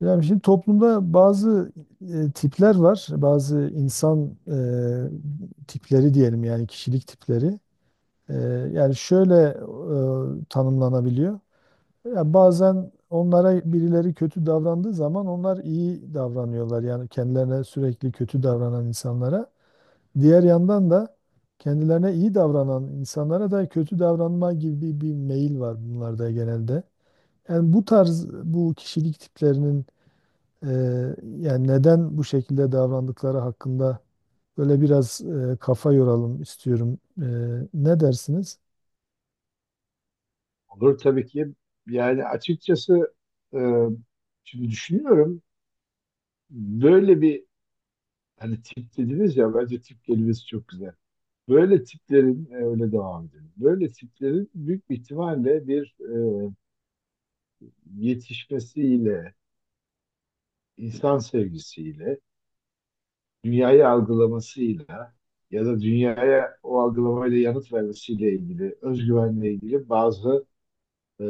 Yani şimdi toplumda bazı tipler var, bazı insan tipleri diyelim yani kişilik tipleri. E, yani şöyle tanımlanabiliyor. Ya bazen onlara birileri kötü davrandığı zaman onlar iyi davranıyorlar. Yani kendilerine sürekli kötü davranan insanlara. Diğer yandan da kendilerine iyi davranan insanlara da kötü davranma gibi bir meyil var bunlarda genelde. Yani bu tarz bu kişilik tiplerinin ee, yani neden bu şekilde davrandıkları hakkında böyle biraz kafa yoralım istiyorum. Ne dersiniz? Olur tabii ki. Yani açıkçası e, şimdi düşünüyorum böyle bir hani tip dediniz ya, bence tip kelimesi çok güzel. Böyle tiplerin öyle devam edelim. Böyle tiplerin büyük bir ihtimalle bir yetişmesiyle, insan sevgisiyle, dünyayı algılamasıyla ya da dünyaya o algılamayla yanıt vermesiyle ilgili, özgüvenle ilgili bazı e,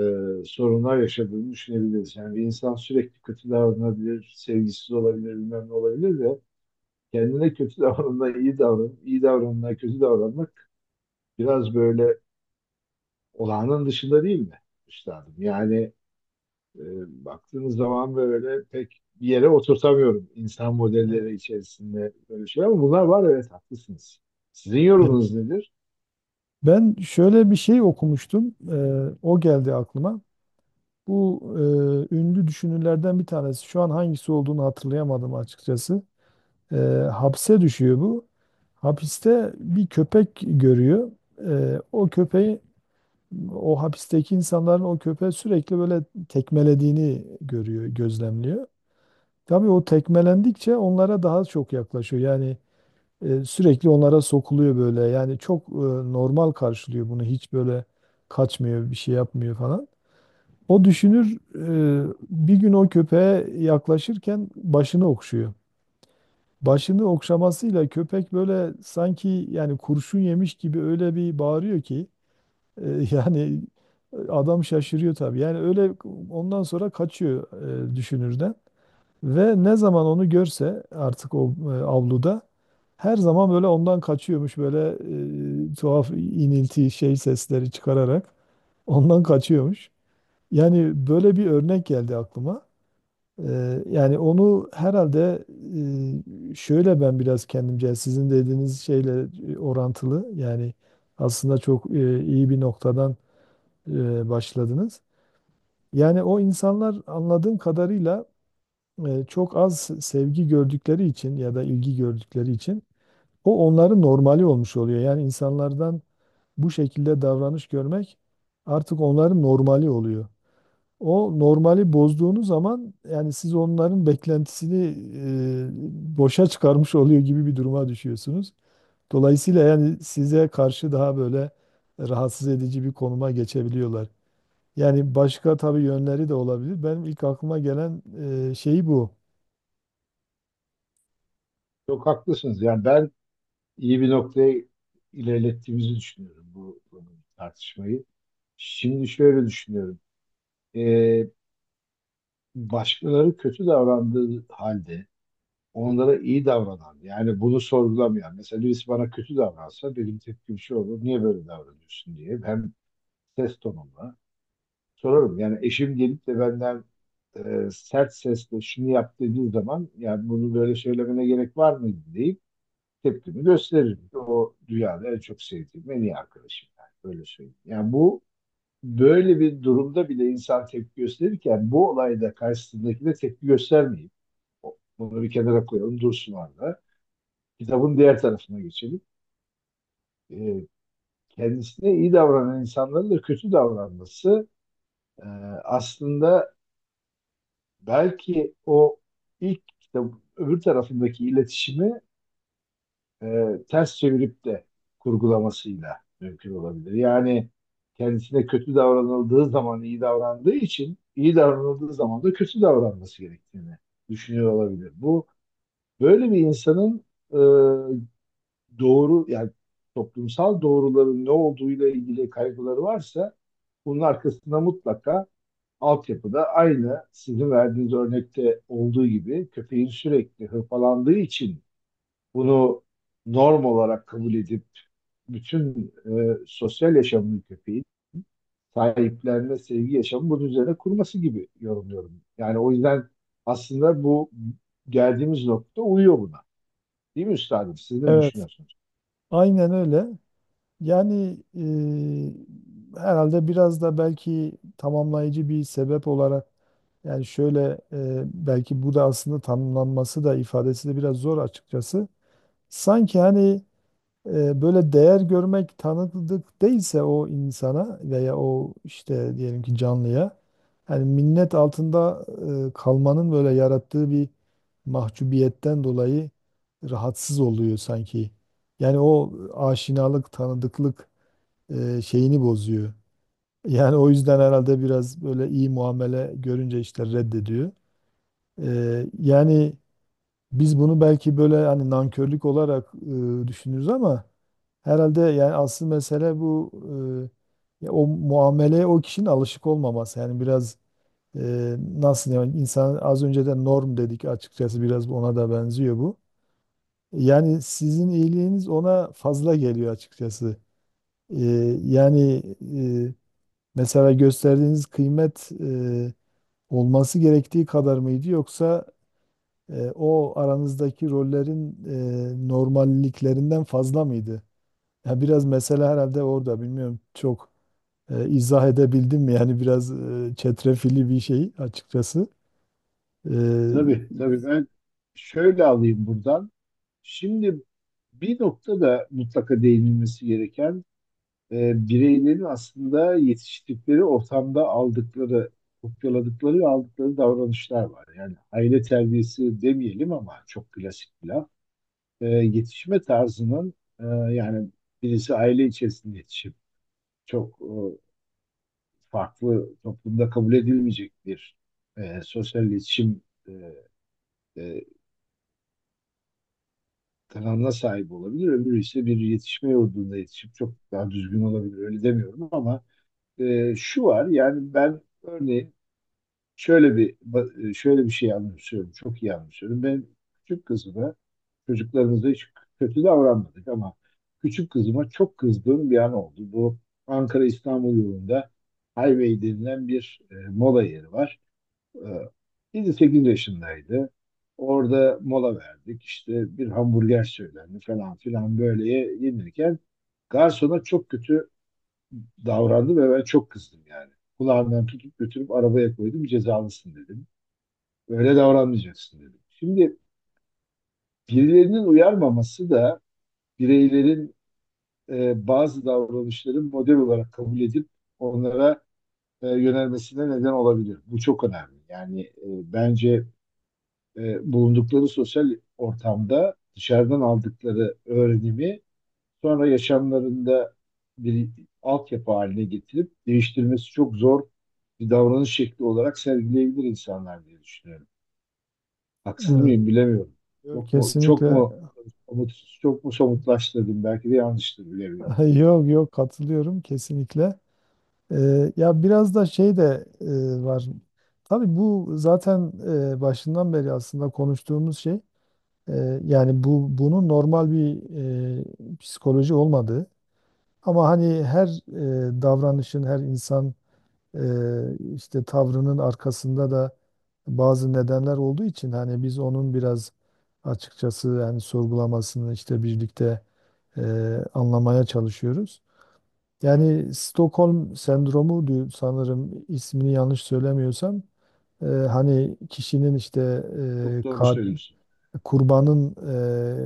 sorunlar yaşadığını düşünebiliriz. Yani bir insan sürekli kötü davranabilir, sevgisiz olabilir, bilmem ne olabilir ve kendine kötü davranma, iyi davran, iyi davranma, kötü davranmak biraz böyle olağanın dışında, değil mi üstadım? E, Baktığınız zaman böyle pek bir yere oturtamıyorum insan Evet. modelleri içerisinde böyle şey, ama bunlar var, evet, haklısınız. Sizin Evet. yorumunuz nedir? Ben şöyle bir şey okumuştum. O geldi aklıma. Bu ünlü düşünürlerden bir tanesi. Şu an hangisi olduğunu hatırlayamadım açıkçası. Ee, Hapse düşüyor bu. Hapiste bir köpek görüyor. O köpeği o hapisteki insanların o köpeği sürekli böyle tekmelediğini görüyor, gözlemliyor. Tabii o tekmelendikçe onlara daha çok yaklaşıyor. Yani sürekli onlara sokuluyor böyle. Yani çok normal karşılıyor bunu. Hiç böyle kaçmıyor, bir şey yapmıyor falan. O düşünür bir gün o köpeğe yaklaşırken başını okşuyor. Başını okşamasıyla köpek böyle sanki yani kurşun yemiş gibi öyle bir bağırıyor ki e, yani adam şaşırıyor tabii. Yani öyle ondan sonra kaçıyor düşünürden. Ve ne zaman onu görse artık o avluda her zaman böyle ondan kaçıyormuş böyle tuhaf inilti şey sesleri çıkararak ondan kaçıyormuş. Yani böyle bir örnek geldi aklıma. Yani onu herhalde şöyle ben biraz kendimce sizin dediğiniz şeyle orantılı yani aslında çok iyi bir noktadan başladınız. Yani o insanlar anladığım kadarıyla çok az sevgi gördükleri için ya da ilgi gördükleri için onların normali olmuş oluyor. Yani insanlardan bu şekilde davranış görmek artık onların normali oluyor. O normali bozduğunuz zaman yani siz onların beklentisini boşa çıkarmış oluyor gibi bir duruma düşüyorsunuz. Dolayısıyla yani size karşı daha böyle rahatsız edici bir konuma geçebiliyorlar. Yani başka tabii yönleri de olabilir. Benim ilk aklıma gelen şey bu. Çok haklısınız. Yani ben iyi bir noktaya ilerlettiğimizi düşünüyorum bu tartışmayı. Şimdi şöyle düşünüyorum. Ee, Başkaları kötü davrandığı halde onlara iyi davranan, yani bunu sorgulamayan, mesela birisi bana kötü davransa benim tepkim şu olur: niye böyle davranıyorsun diye hem ses tonumla sorarım. Yani eşim gelip de benden sert sesle şunu yap dediği zaman, yani bunu böyle söylemene gerek var mıydı deyip tepkimi gösteririm. O dünyada en çok sevdiğim en iyi arkadaşım, yani böyle söyleyeyim. Yani bu böyle bir durumda bile insan tepki gösterirken, bu olayda karşısındakine tepki göstermeyip bunu bir kenara koyalım, dursun orada. Kitabın diğer tarafına geçelim. Ee, Kendisine iyi davranan insanların da kötü davranması e, aslında belki o ilk kitap öbür tarafındaki iletişimi e, ters çevirip de kurgulamasıyla mümkün olabilir. Yani kendisine kötü davranıldığı zaman iyi davrandığı için, iyi davranıldığı zaman da kötü davranması gerektiğini düşünüyor olabilir. Bu, böyle bir insanın e, doğru yani toplumsal doğruların ne olduğuyla ilgili kaygıları varsa, bunun arkasında mutlaka altyapıda, aynı sizin verdiğiniz örnekte olduğu gibi köpeğin sürekli hırpalandığı için bunu norm olarak kabul edip bütün sosyal yaşamını köpeğin sahiplenme, sevgi yaşamı bunun üzerine kurması gibi yorumluyorum. Yani o yüzden aslında bu geldiğimiz nokta uyuyor buna. Değil mi üstadım? Siz ne Evet. düşünüyorsunuz? Aynen öyle. Yani herhalde biraz da belki tamamlayıcı bir sebep olarak yani şöyle belki bu da aslında tanımlanması da ifadesi de biraz zor açıkçası. Sanki hani böyle değer görmek tanıdık değilse o insana veya o işte diyelim ki canlıya yani minnet altında kalmanın böyle yarattığı bir mahcubiyetten dolayı rahatsız oluyor sanki. Yani o aşinalık, tanıdıklık şeyini bozuyor. Yani o yüzden herhalde biraz böyle iyi muamele görünce işte reddediyor. Yani biz bunu belki böyle hani nankörlük olarak düşünürüz ama herhalde yani asıl mesele bu ya o muameleye o kişinin alışık olmaması. Yani biraz nasıl yani insan az önce de norm dedik açıkçası biraz ona da benziyor bu. Yani sizin iyiliğiniz ona fazla geliyor açıkçası. E, Yani mesela gösterdiğiniz kıymet olması gerektiği kadar mıydı yoksa o aranızdaki rollerin normalliklerinden fazla mıydı? Ya biraz mesele herhalde orada bilmiyorum çok. İzah edebildim mi? Yani biraz çetrefilli bir şey açıkçası. E, Tabii tabii, ben şöyle alayım buradan. Şimdi bir noktada mutlaka değinilmesi gereken, bireylerin aslında yetiştikleri ortamda aldıkları, kopyaladıkları ve aldıkları davranışlar var. Yani aile terbiyesi demeyelim ama çok klasik bir laf. Yetişme tarzının e, yani birisi aile içerisinde yetişip çok farklı, toplumda kabul edilmeyecek bir sosyal iletişim e, e, kanalına sahip olabilir. Öbürü ise bir yetişme yurdunda yetişip çok daha düzgün olabilir. Öyle demiyorum ama şu var, yani ben örneğin şöyle bir şey anımsıyorum. Çok iyi anımsıyorum. Ben küçük kızıma, çocuklarımıza hiç kötü davranmadık ama küçük kızıma çok kızdığım bir an oldu. Bu Ankara İstanbul yolunda Highway denilen bir mola yeri var. E, 7-8 yaşındaydı. Orada mola verdik. İşte bir hamburger söylendi falan filan, böyle yenirken garsona çok kötü davrandı ve ben çok kızdım yani. Kulağından tutup götürüp arabaya koydum, cezalısın dedim. Öyle davranmayacaksın dedi. Şimdi birilerinin uyarmaması da bireylerin bazı davranışların model olarak kabul edip onlara yönelmesine neden olabilir. Bu çok önemli. Bence bulundukları sosyal ortamda dışarıdan aldıkları öğrenimi sonra yaşamlarında bir altyapı haline getirip değiştirmesi çok zor, bir davranış şekli olarak sergileyebilir insanlar diye düşünüyorum. Haksız evet. mıyım bilemiyorum. Yo, Çok mu çok kesinlikle. mu somut, çok mu somutlaştırdım? Belki de yanlıştır, bilemiyorum. Yok, yok, katılıyorum kesinlikle. Ya biraz da şey de var. Tabii bu zaten başından beri aslında konuştuğumuz şey. Yani bunun normal bir psikoloji olmadığı. Ama hani her davranışın, her insan işte tavrının arkasında da bazı nedenler olduğu için hani biz onun biraz açıkçası yani sorgulamasını işte birlikte e, anlamaya çalışıyoruz. Yani Stockholm sendromu diyor sanırım ismini yanlış söylemiyorsam hani kişinin işte Çok e, doğru ka- söylüyorsun. kurbanın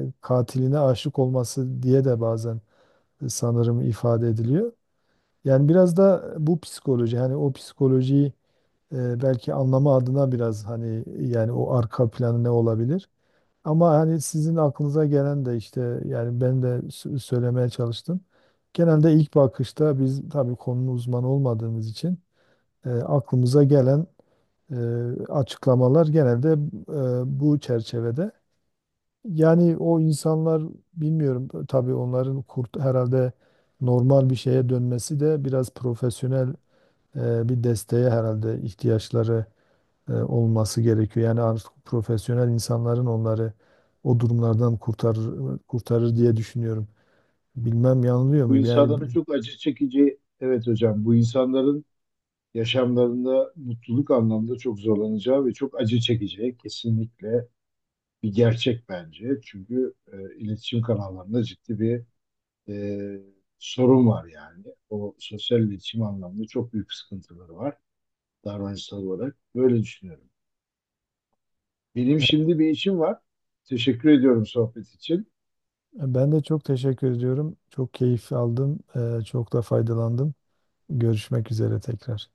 katiline aşık olması diye de bazen sanırım ifade ediliyor. Yani biraz da bu psikoloji hani o psikolojiyi belki anlamı adına biraz hani yani o arka planı ne olabilir? Ama hani sizin aklınıza gelen de işte yani ben de söylemeye çalıştım. Genelde ilk bakışta biz tabii konunun uzmanı olmadığımız için aklımıza gelen e, açıklamalar genelde bu çerçevede. Yani o insanlar bilmiyorum tabii onların kurt herhalde normal bir şeye dönmesi de biraz profesyonel bir desteğe herhalde ihtiyaçları olması gerekiyor. Yani artık profesyonel insanların onları o durumlardan kurtarır diye düşünüyorum. Bilmem yanılıyor Bu muyum? İnsanların çok acı çekici, evet hocam, bu insanların yaşamlarında mutluluk anlamda çok zorlanacağı ve çok acı çekeceği kesinlikle bir gerçek bence. Çünkü iletişim kanallarında ciddi bir e, sorun var yani. O sosyal iletişim anlamda çok büyük sıkıntıları var davranışsal olarak. Böyle düşünüyorum. Benim Evet, şimdi bir işim var. Teşekkür ediyorum sohbet için. ben de çok teşekkür ediyorum. Çok keyif aldım. Çok da faydalandım. Görüşmek üzere tekrar.